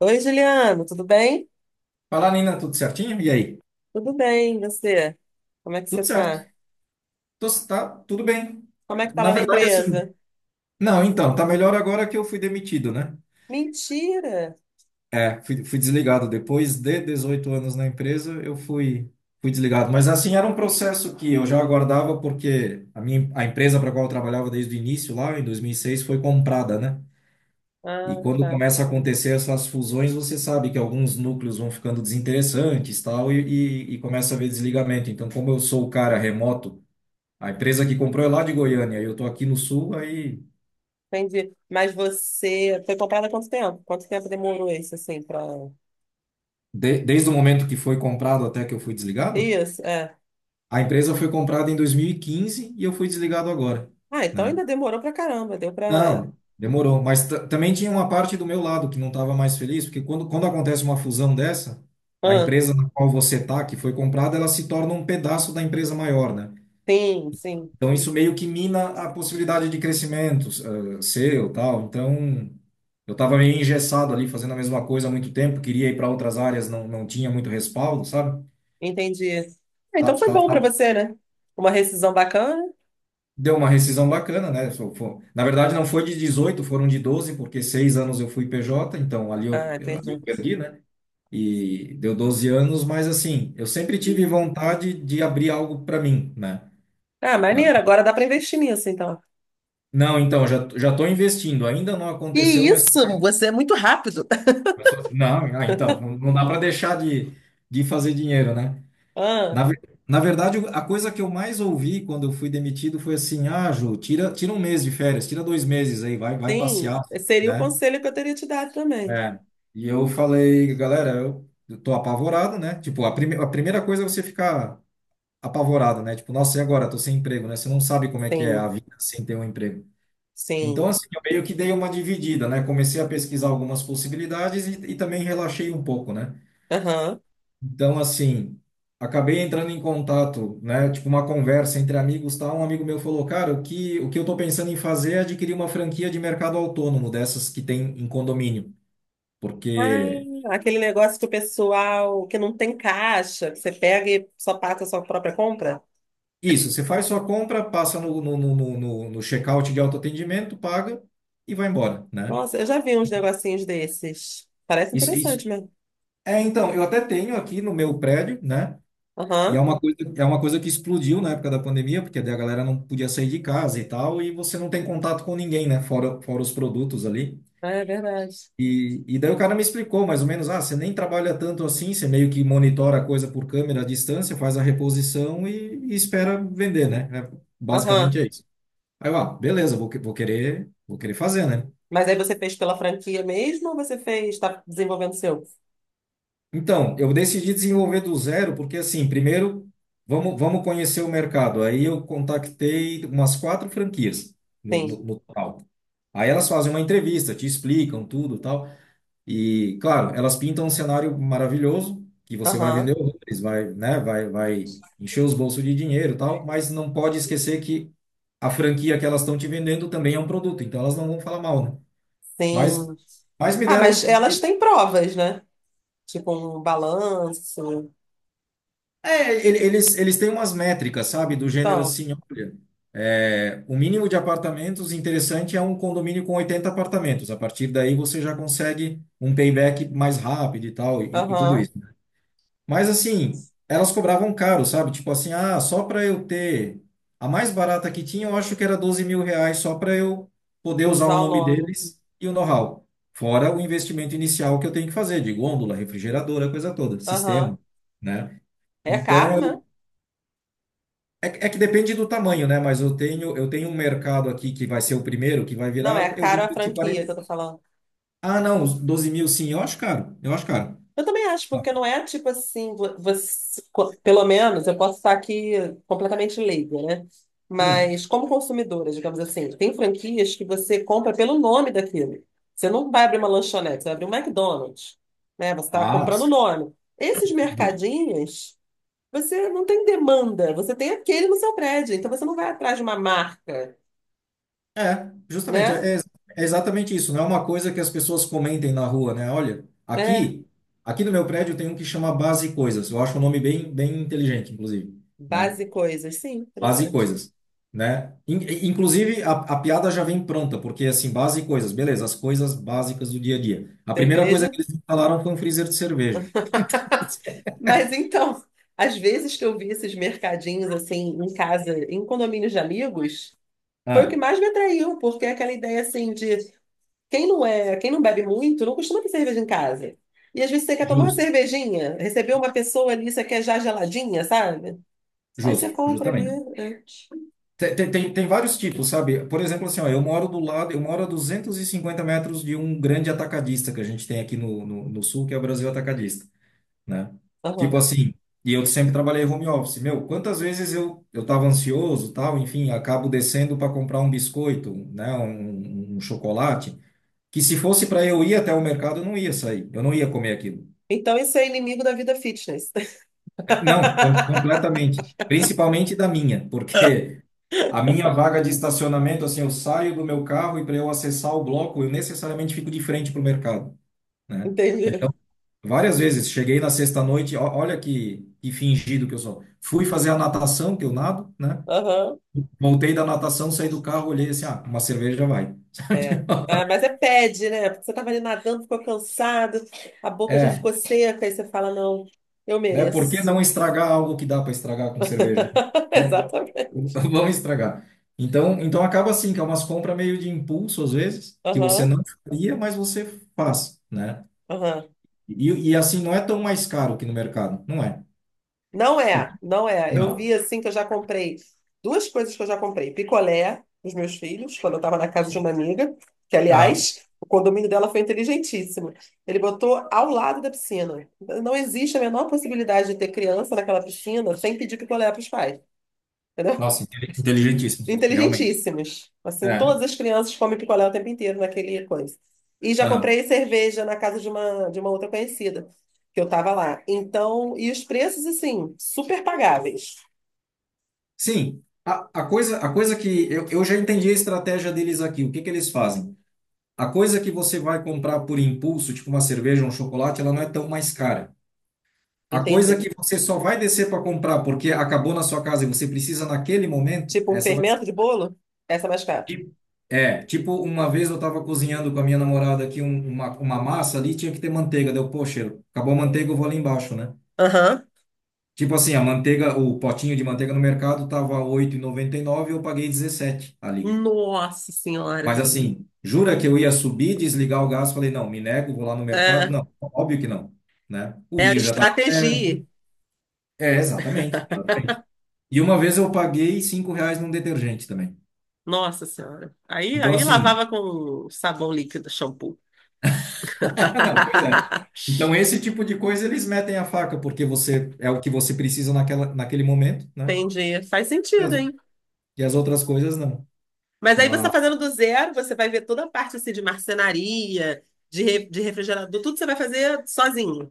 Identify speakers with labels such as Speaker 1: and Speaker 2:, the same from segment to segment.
Speaker 1: Oi, Juliano, tudo bem?
Speaker 2: Fala, Nina, tudo certinho? E aí?
Speaker 1: Tudo bem, e você? Como é que
Speaker 2: Tudo
Speaker 1: você tá?
Speaker 2: certo. Tá tudo bem.
Speaker 1: Como é que tá
Speaker 2: Na
Speaker 1: lá na
Speaker 2: verdade, assim.
Speaker 1: empresa?
Speaker 2: Não, então, tá melhor agora que eu fui demitido, né?
Speaker 1: Mentira!
Speaker 2: É, fui desligado. Depois de 18 anos na empresa, eu fui desligado. Mas, assim, era um processo que eu já aguardava, porque a empresa para qual eu trabalhava desde o início, lá em 2006 foi comprada, né?
Speaker 1: Ah,
Speaker 2: E quando
Speaker 1: tá.
Speaker 2: começa a acontecer essas fusões, você sabe que alguns núcleos vão ficando desinteressantes, tal, e começa a haver desligamento. Então, como eu sou o cara remoto. A empresa que comprou é lá de Goiânia, eu estou aqui no sul, aí
Speaker 1: Entendi. Mas você foi comprada há quanto tempo? Quanto tempo demorou isso, assim, pra...
Speaker 2: desde o momento que foi comprado até que eu fui desligado,
Speaker 1: Isso, é.
Speaker 2: a empresa foi comprada em 2015 e quinze e eu fui desligado agora,
Speaker 1: Ah, então
Speaker 2: né?
Speaker 1: ainda demorou pra caramba, deu pra...
Speaker 2: Não, demorou, mas também tinha uma parte do meu lado que não estava mais feliz, porque quando acontece uma fusão dessa, a
Speaker 1: Ah,
Speaker 2: empresa na qual você está, que foi comprada, ela se torna um pedaço da empresa maior, né?
Speaker 1: sim, sim,
Speaker 2: Então, isso meio que mina a possibilidade de crescimento, seu, tal. Então, eu estava meio engessado ali, fazendo a mesma coisa há muito tempo, queria ir para outras áreas, não tinha muito respaldo, sabe?
Speaker 1: entendi. Ah,
Speaker 2: Tá-
Speaker 1: então foi
Speaker 2: tá-
Speaker 1: bom pra
Speaker 2: tá-
Speaker 1: você, né? Uma rescisão bacana?
Speaker 2: Deu uma rescisão bacana, né? Na verdade, não foi de 18, foram de 12, porque seis anos eu fui PJ, então ali
Speaker 1: Ah,
Speaker 2: ali eu
Speaker 1: entendi.
Speaker 2: perdi, né? E deu 12 anos, mas assim, eu sempre tive vontade de abrir algo para mim, né?
Speaker 1: Ah,
Speaker 2: Pra-
Speaker 1: maneiro, agora dá pra investir nisso, então.
Speaker 2: Não, então, já estou investindo, ainda não
Speaker 1: Que
Speaker 2: aconteceu, mas
Speaker 1: isso? Você é muito rápido.
Speaker 2: Não, então, não dá para deixar de fazer dinheiro, né? Na,
Speaker 1: Ah.
Speaker 2: ver- na verdade, a coisa que eu mais ouvi quando eu fui demitido foi assim: ah, Ju, tira um mês de férias, tira dois meses aí, vai
Speaker 1: Sim,
Speaker 2: passear,
Speaker 1: seria o
Speaker 2: né?
Speaker 1: conselho que eu teria te dado também.
Speaker 2: É. E eu falei, galera, eu tô apavorado, né? Tipo, a primeira coisa é você ficar apavorado, né? Tipo, nossa, e agora? Tô sem emprego, né? Você não sabe como é que é a
Speaker 1: Sim,
Speaker 2: vida sem ter um emprego. Então,
Speaker 1: sim.
Speaker 2: assim, eu meio que dei uma dividida, né? Comecei a pesquisar algumas possibilidades e também relaxei um pouco, né?
Speaker 1: Aham.
Speaker 2: Então, assim, acabei entrando em contato, né? Tipo, uma conversa entre amigos, tal. Um amigo meu falou, cara, o que eu tô pensando em fazer é adquirir uma franquia de mercado autônomo, dessas que tem em condomínio.
Speaker 1: Ah,
Speaker 2: Porque
Speaker 1: aquele negócio que o pessoal que não tem caixa, que você pega e só paga a sua própria compra.
Speaker 2: isso, você faz sua compra, passa no check-out de autoatendimento, paga e vai embora, né?
Speaker 1: Nossa, eu já vi uns negocinhos desses. Parece
Speaker 2: Isso, isso.
Speaker 1: interessante mesmo.
Speaker 2: É, então, eu até tenho aqui no meu prédio, né? E é
Speaker 1: Aham.
Speaker 2: uma coisa, é uma coisa que explodiu na época da pandemia, porque daí a galera não podia sair de casa e tal, e você não tem contato com ninguém, né? Fora os produtos ali.
Speaker 1: Ah, é verdade.
Speaker 2: E daí o cara me explicou mais ou menos, ah, você nem trabalha tanto assim, você meio que monitora a coisa por câmera à distância, faz a reposição e espera vender, né? É, basicamente
Speaker 1: Aham.
Speaker 2: é isso. Aí eu, beleza, vou querer fazer, né?
Speaker 1: Mas aí você fez pela franquia mesmo ou você fez, está desenvolvendo o seu?
Speaker 2: Então, eu decidi desenvolver do zero, porque assim, primeiro, vamos conhecer o mercado. Aí eu contatei umas quatro franquias no,
Speaker 1: Sim.
Speaker 2: no, no total. Aí elas fazem uma entrevista, te explicam tudo, e tal. E, claro, elas pintam um cenário maravilhoso, que você vai
Speaker 1: Aham.
Speaker 2: vender horrores, vai, né, vai encher os bolsos de dinheiro, e tal, mas não pode esquecer que a franquia que elas estão te vendendo também é um produto, então elas não vão falar mal, né? Mas,
Speaker 1: Sim.
Speaker 2: mas me
Speaker 1: Ah, mas
Speaker 2: deram um.
Speaker 1: elas têm provas, né? Tipo um balanço.
Speaker 2: É, eles têm umas métricas, sabe? Do gênero
Speaker 1: Então.
Speaker 2: assim, olha, o mínimo de apartamentos interessante é um condomínio com 80 apartamentos. A partir daí você já consegue um payback mais rápido e tal, e tudo
Speaker 1: Aham.
Speaker 2: isso. Mas assim, elas cobravam caro, sabe? Tipo assim, só para eu ter a mais barata que tinha, eu acho que era R$ 12.000 só para eu poder usar o
Speaker 1: Usar o
Speaker 2: nome
Speaker 1: nome.
Speaker 2: deles e o know-how. Fora o investimento inicial que eu tenho que fazer, de gôndola, refrigeradora, coisa toda,
Speaker 1: Aham.
Speaker 2: sistema, né?
Speaker 1: É caro,
Speaker 2: Então,
Speaker 1: né?
Speaker 2: que é que depende do tamanho, né? Mas eu tenho um mercado aqui que vai ser o primeiro, que vai
Speaker 1: Não,
Speaker 2: virar,
Speaker 1: é
Speaker 2: eu vou
Speaker 1: caro a
Speaker 2: investir
Speaker 1: franquia
Speaker 2: 40.
Speaker 1: que eu tô falando.
Speaker 2: Ah, não, os 12 mil sim, eu acho caro. Eu acho caro.
Speaker 1: Eu também acho,
Speaker 2: Ah,
Speaker 1: porque não é tipo assim, você, pelo menos eu posso estar aqui completamente leiga, né?
Speaker 2: hum.
Speaker 1: Mas como consumidora, digamos assim, tem franquias que você compra pelo nome daquilo. Você não vai abrir uma lanchonete, você vai abrir um McDonald's, né? Você está
Speaker 2: Ah,
Speaker 1: comprando o
Speaker 2: sim,
Speaker 1: nome. Esses
Speaker 2: justo.
Speaker 1: mercadinhos, você não tem demanda, você tem aquele no seu prédio, então você não vai atrás de uma marca,
Speaker 2: É, justamente,
Speaker 1: né?
Speaker 2: é exatamente isso. Não é uma coisa que as pessoas comentem na rua, né? Olha,
Speaker 1: É.
Speaker 2: aqui no meu prédio tem um que chama Base Coisas. Eu acho um nome bem, bem inteligente, inclusive, né?
Speaker 1: Base e coisas, sim,
Speaker 2: Base e
Speaker 1: interessante.
Speaker 2: coisas, né? Inclusive, a piada já vem pronta, porque assim, base e coisas, beleza, as coisas básicas do dia a dia. A primeira coisa
Speaker 1: Cerveja.
Speaker 2: que eles instalaram foi um freezer de cerveja.
Speaker 1: Mas então, às vezes que eu vi esses mercadinhos assim em casa, em condomínios de amigos, foi o que
Speaker 2: Ah,
Speaker 1: mais me atraiu, porque é aquela ideia assim de quem não bebe muito, não costuma ter cerveja em casa. E às vezes você quer tomar uma
Speaker 2: justo,
Speaker 1: cervejinha, receber uma pessoa ali, você quer já geladinha, sabe? Aí você
Speaker 2: justo,
Speaker 1: compra ali.
Speaker 2: justamente.
Speaker 1: É.
Speaker 2: Tem, vários tipos, sabe? Por exemplo, assim, ó, eu moro do lado, eu moro a 250 metros de um grande atacadista que a gente tem aqui no sul, que é o Brasil Atacadista. Né? Tipo
Speaker 1: Aham.
Speaker 2: assim, e eu sempre trabalhei home office. Meu, quantas vezes eu tava ansioso, tal, enfim, acabo descendo para comprar um biscoito, né, um chocolate, que se fosse para eu ir até o mercado, eu não ia sair, eu não ia comer aquilo.
Speaker 1: Então isso é inimigo da vida fitness.
Speaker 2: É, não, completamente. Principalmente da minha, porque a minha vaga de estacionamento, assim, eu saio do meu carro e para eu acessar o bloco, eu necessariamente fico de frente para o mercado, né?
Speaker 1: Entendeu?
Speaker 2: Então, várias vezes. Cheguei na sexta-noite, olha que fingido que eu sou. Fui fazer a natação, que eu nado, né?
Speaker 1: Aham.
Speaker 2: Voltei da natação, saí do carro, olhei assim, ah, uma cerveja já vai.
Speaker 1: É. Ah, mas é pede, né? Porque você estava ali nadando, ficou cansado, a boca já
Speaker 2: É,
Speaker 1: ficou seca, aí você fala, não, eu
Speaker 2: né? Por que
Speaker 1: mereço.
Speaker 2: não estragar algo que dá para estragar com cerveja? Né? Va- va-
Speaker 1: Exatamente.
Speaker 2: Vamos estragar. Então acaba assim, que é umas compras meio de impulso, às vezes, que você
Speaker 1: Aham,
Speaker 2: não faria, mas você faz, né?
Speaker 1: aham.
Speaker 2: E assim, não é tão mais caro que no mercado, não é?
Speaker 1: Não é, não é. Eu
Speaker 2: Não.
Speaker 1: vi assim que eu já comprei duas coisas que eu já comprei. Picolé dos meus filhos, quando eu estava na casa de uma amiga, que,
Speaker 2: Ah,
Speaker 1: aliás, o condomínio dela foi inteligentíssimo. Ele botou ao lado da piscina. Não existe a menor possibilidade de ter criança naquela piscina sem pedir picolé para os pais.
Speaker 2: nossa, inteligentíssimo, realmente.
Speaker 1: Inteligentíssimos. Assim,
Speaker 2: É.
Speaker 1: todas as crianças comem picolé o tempo inteiro naquele coisa. E já
Speaker 2: Aham.
Speaker 1: comprei cerveja na casa de uma outra conhecida, que eu tava lá. Então, e os preços, assim, super pagáveis.
Speaker 2: Sim, a coisa que eu já entendi a estratégia deles aqui. O que que eles fazem? A coisa que você vai comprar por impulso, tipo uma cerveja, um chocolate, ela não é tão mais cara. A coisa
Speaker 1: Entende?
Speaker 2: que você só vai descer para comprar porque acabou na sua casa e você precisa naquele momento,
Speaker 1: Tipo um
Speaker 2: essa vai
Speaker 1: fermento
Speaker 2: ser.
Speaker 1: de bolo, essa é mais cara.
Speaker 2: Tipo- É, tipo, uma vez eu estava cozinhando com a minha namorada aqui uma massa ali, tinha que ter manteiga. Deu, poxa, acabou a manteiga, eu vou ali embaixo, né?
Speaker 1: Aham.
Speaker 2: Tipo assim, a manteiga, o potinho de manteiga no mercado tava 8,99 eu paguei 17 ali.
Speaker 1: Nossa Senhora.
Speaker 2: Mas assim, jura que eu ia subir, desligar o gás? Falei, não, me nego, vou lá no mercado?
Speaker 1: É,
Speaker 2: Não, óbvio que não, né? O
Speaker 1: é a
Speaker 2: vinho já estava
Speaker 1: estratégia.
Speaker 2: velho. É, exatamente. E uma vez eu paguei R$ 5 num detergente também.
Speaker 1: Nossa Senhora. Aí,
Speaker 2: Então,
Speaker 1: aí
Speaker 2: assim,
Speaker 1: lavava com sabão líquido, shampoo.
Speaker 2: não, pois é. Então, esse tipo de coisa eles metem a faca, porque você é o que você precisa naquele momento, né?
Speaker 1: Entendi. Faz
Speaker 2: E
Speaker 1: sentido,
Speaker 2: as,
Speaker 1: hein?
Speaker 2: e as outras coisas não.
Speaker 1: Mas aí você está
Speaker 2: Mas
Speaker 1: fazendo do zero, você vai ver toda a parte assim, de marcenaria, de, de refrigerador, tudo você vai fazer sozinho.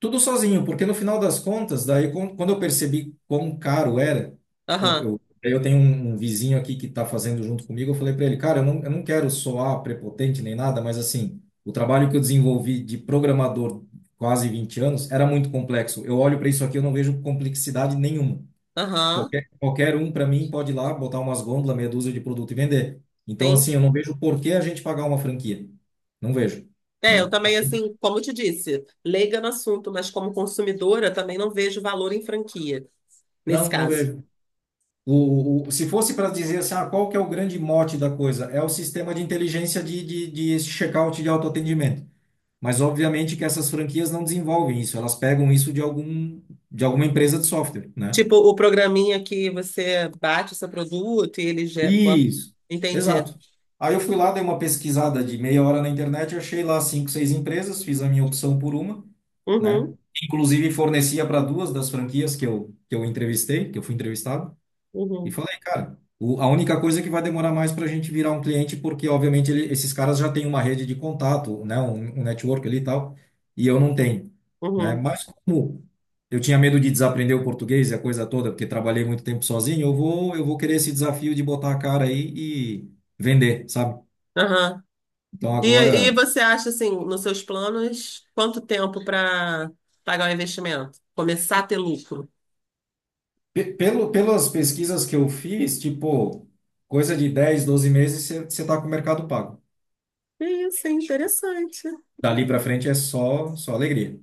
Speaker 2: tudo sozinho, porque no final das contas, daí quando eu percebi quão caro era,
Speaker 1: Aham,
Speaker 2: daí eu tenho um vizinho aqui que está fazendo junto comigo, eu falei para ele, cara, eu não quero soar prepotente nem nada, mas assim, o trabalho que eu desenvolvi de programador quase 20 anos era muito complexo. Eu olho para isso aqui, eu não vejo complexidade nenhuma.
Speaker 1: aham,
Speaker 2: Qualquer um, para mim, pode ir lá, botar umas gôndolas, meia dúzia de produto e vender. Então,
Speaker 1: sim.
Speaker 2: assim, eu não vejo por que a gente pagar uma franquia. Não vejo,
Speaker 1: É, eu
Speaker 2: né? Ah,
Speaker 1: também, assim, como eu te disse, leiga no assunto, mas como consumidora também não vejo valor em franquia, nesse
Speaker 2: não, não
Speaker 1: caso.
Speaker 2: vejo. Se fosse para dizer assim, ah, qual que é o grande mote da coisa? É o sistema de inteligência de checkout de autoatendimento. Mas obviamente que essas franquias não desenvolvem isso, elas pegam isso de alguma empresa de software, né?
Speaker 1: Tipo, o programinha que você bate o seu produto e ele já bota.
Speaker 2: Isso,
Speaker 1: Entendi.
Speaker 2: exato. Aí eu fui lá, dei uma pesquisada de meia hora na internet, achei lá cinco, seis empresas, fiz a minha opção por uma, né?
Speaker 1: Uhum,
Speaker 2: Inclusive fornecia para duas das franquias que eu entrevistei, que eu fui entrevistado. E
Speaker 1: uhum,
Speaker 2: falei, cara, a única coisa que vai demorar mais para a gente virar um cliente, porque obviamente esses caras já têm uma rede de contato, né, um network ali e tal, e eu não tenho, né?
Speaker 1: uhum,
Speaker 2: Mas como eu tinha medo de desaprender o português e a coisa toda, porque trabalhei muito tempo sozinho, eu vou querer esse desafio de botar a cara aí e vender, sabe?
Speaker 1: aham.
Speaker 2: Então
Speaker 1: E,
Speaker 2: agora,
Speaker 1: e você acha, assim, nos seus planos, quanto tempo para pagar o investimento? Começar a ter lucro?
Speaker 2: pelas pesquisas que eu fiz, tipo, coisa de 10, 12 meses, você tá com o mercado pago.
Speaker 1: Isso é interessante.
Speaker 2: Dali para frente é só, só alegria.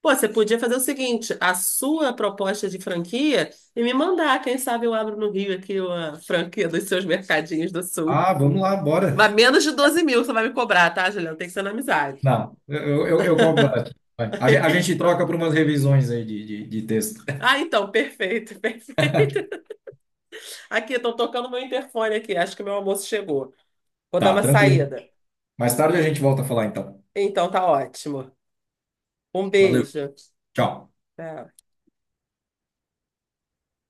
Speaker 1: Pô, você podia fazer o seguinte, a sua proposta de franquia e me mandar. Quem sabe eu abro no Rio aqui a franquia dos seus mercadinhos do Sul.
Speaker 2: Ah, vamos lá, bora.
Speaker 1: Mas menos de 12 mil você vai me cobrar, tá, Juliana? Tem que ser na amizade.
Speaker 2: Não, eu combato. Vai. A gente troca por umas revisões aí de texto.
Speaker 1: Ah, então, perfeito, perfeito. Aqui, estão tocando meu interfone aqui. Acho que meu almoço chegou. Vou dar
Speaker 2: Tá,
Speaker 1: uma
Speaker 2: tranquilo.
Speaker 1: saída.
Speaker 2: Mais tarde a gente volta a falar então.
Speaker 1: Então, tá ótimo. Um
Speaker 2: Valeu,
Speaker 1: beijo.
Speaker 2: tchau.
Speaker 1: Tchau.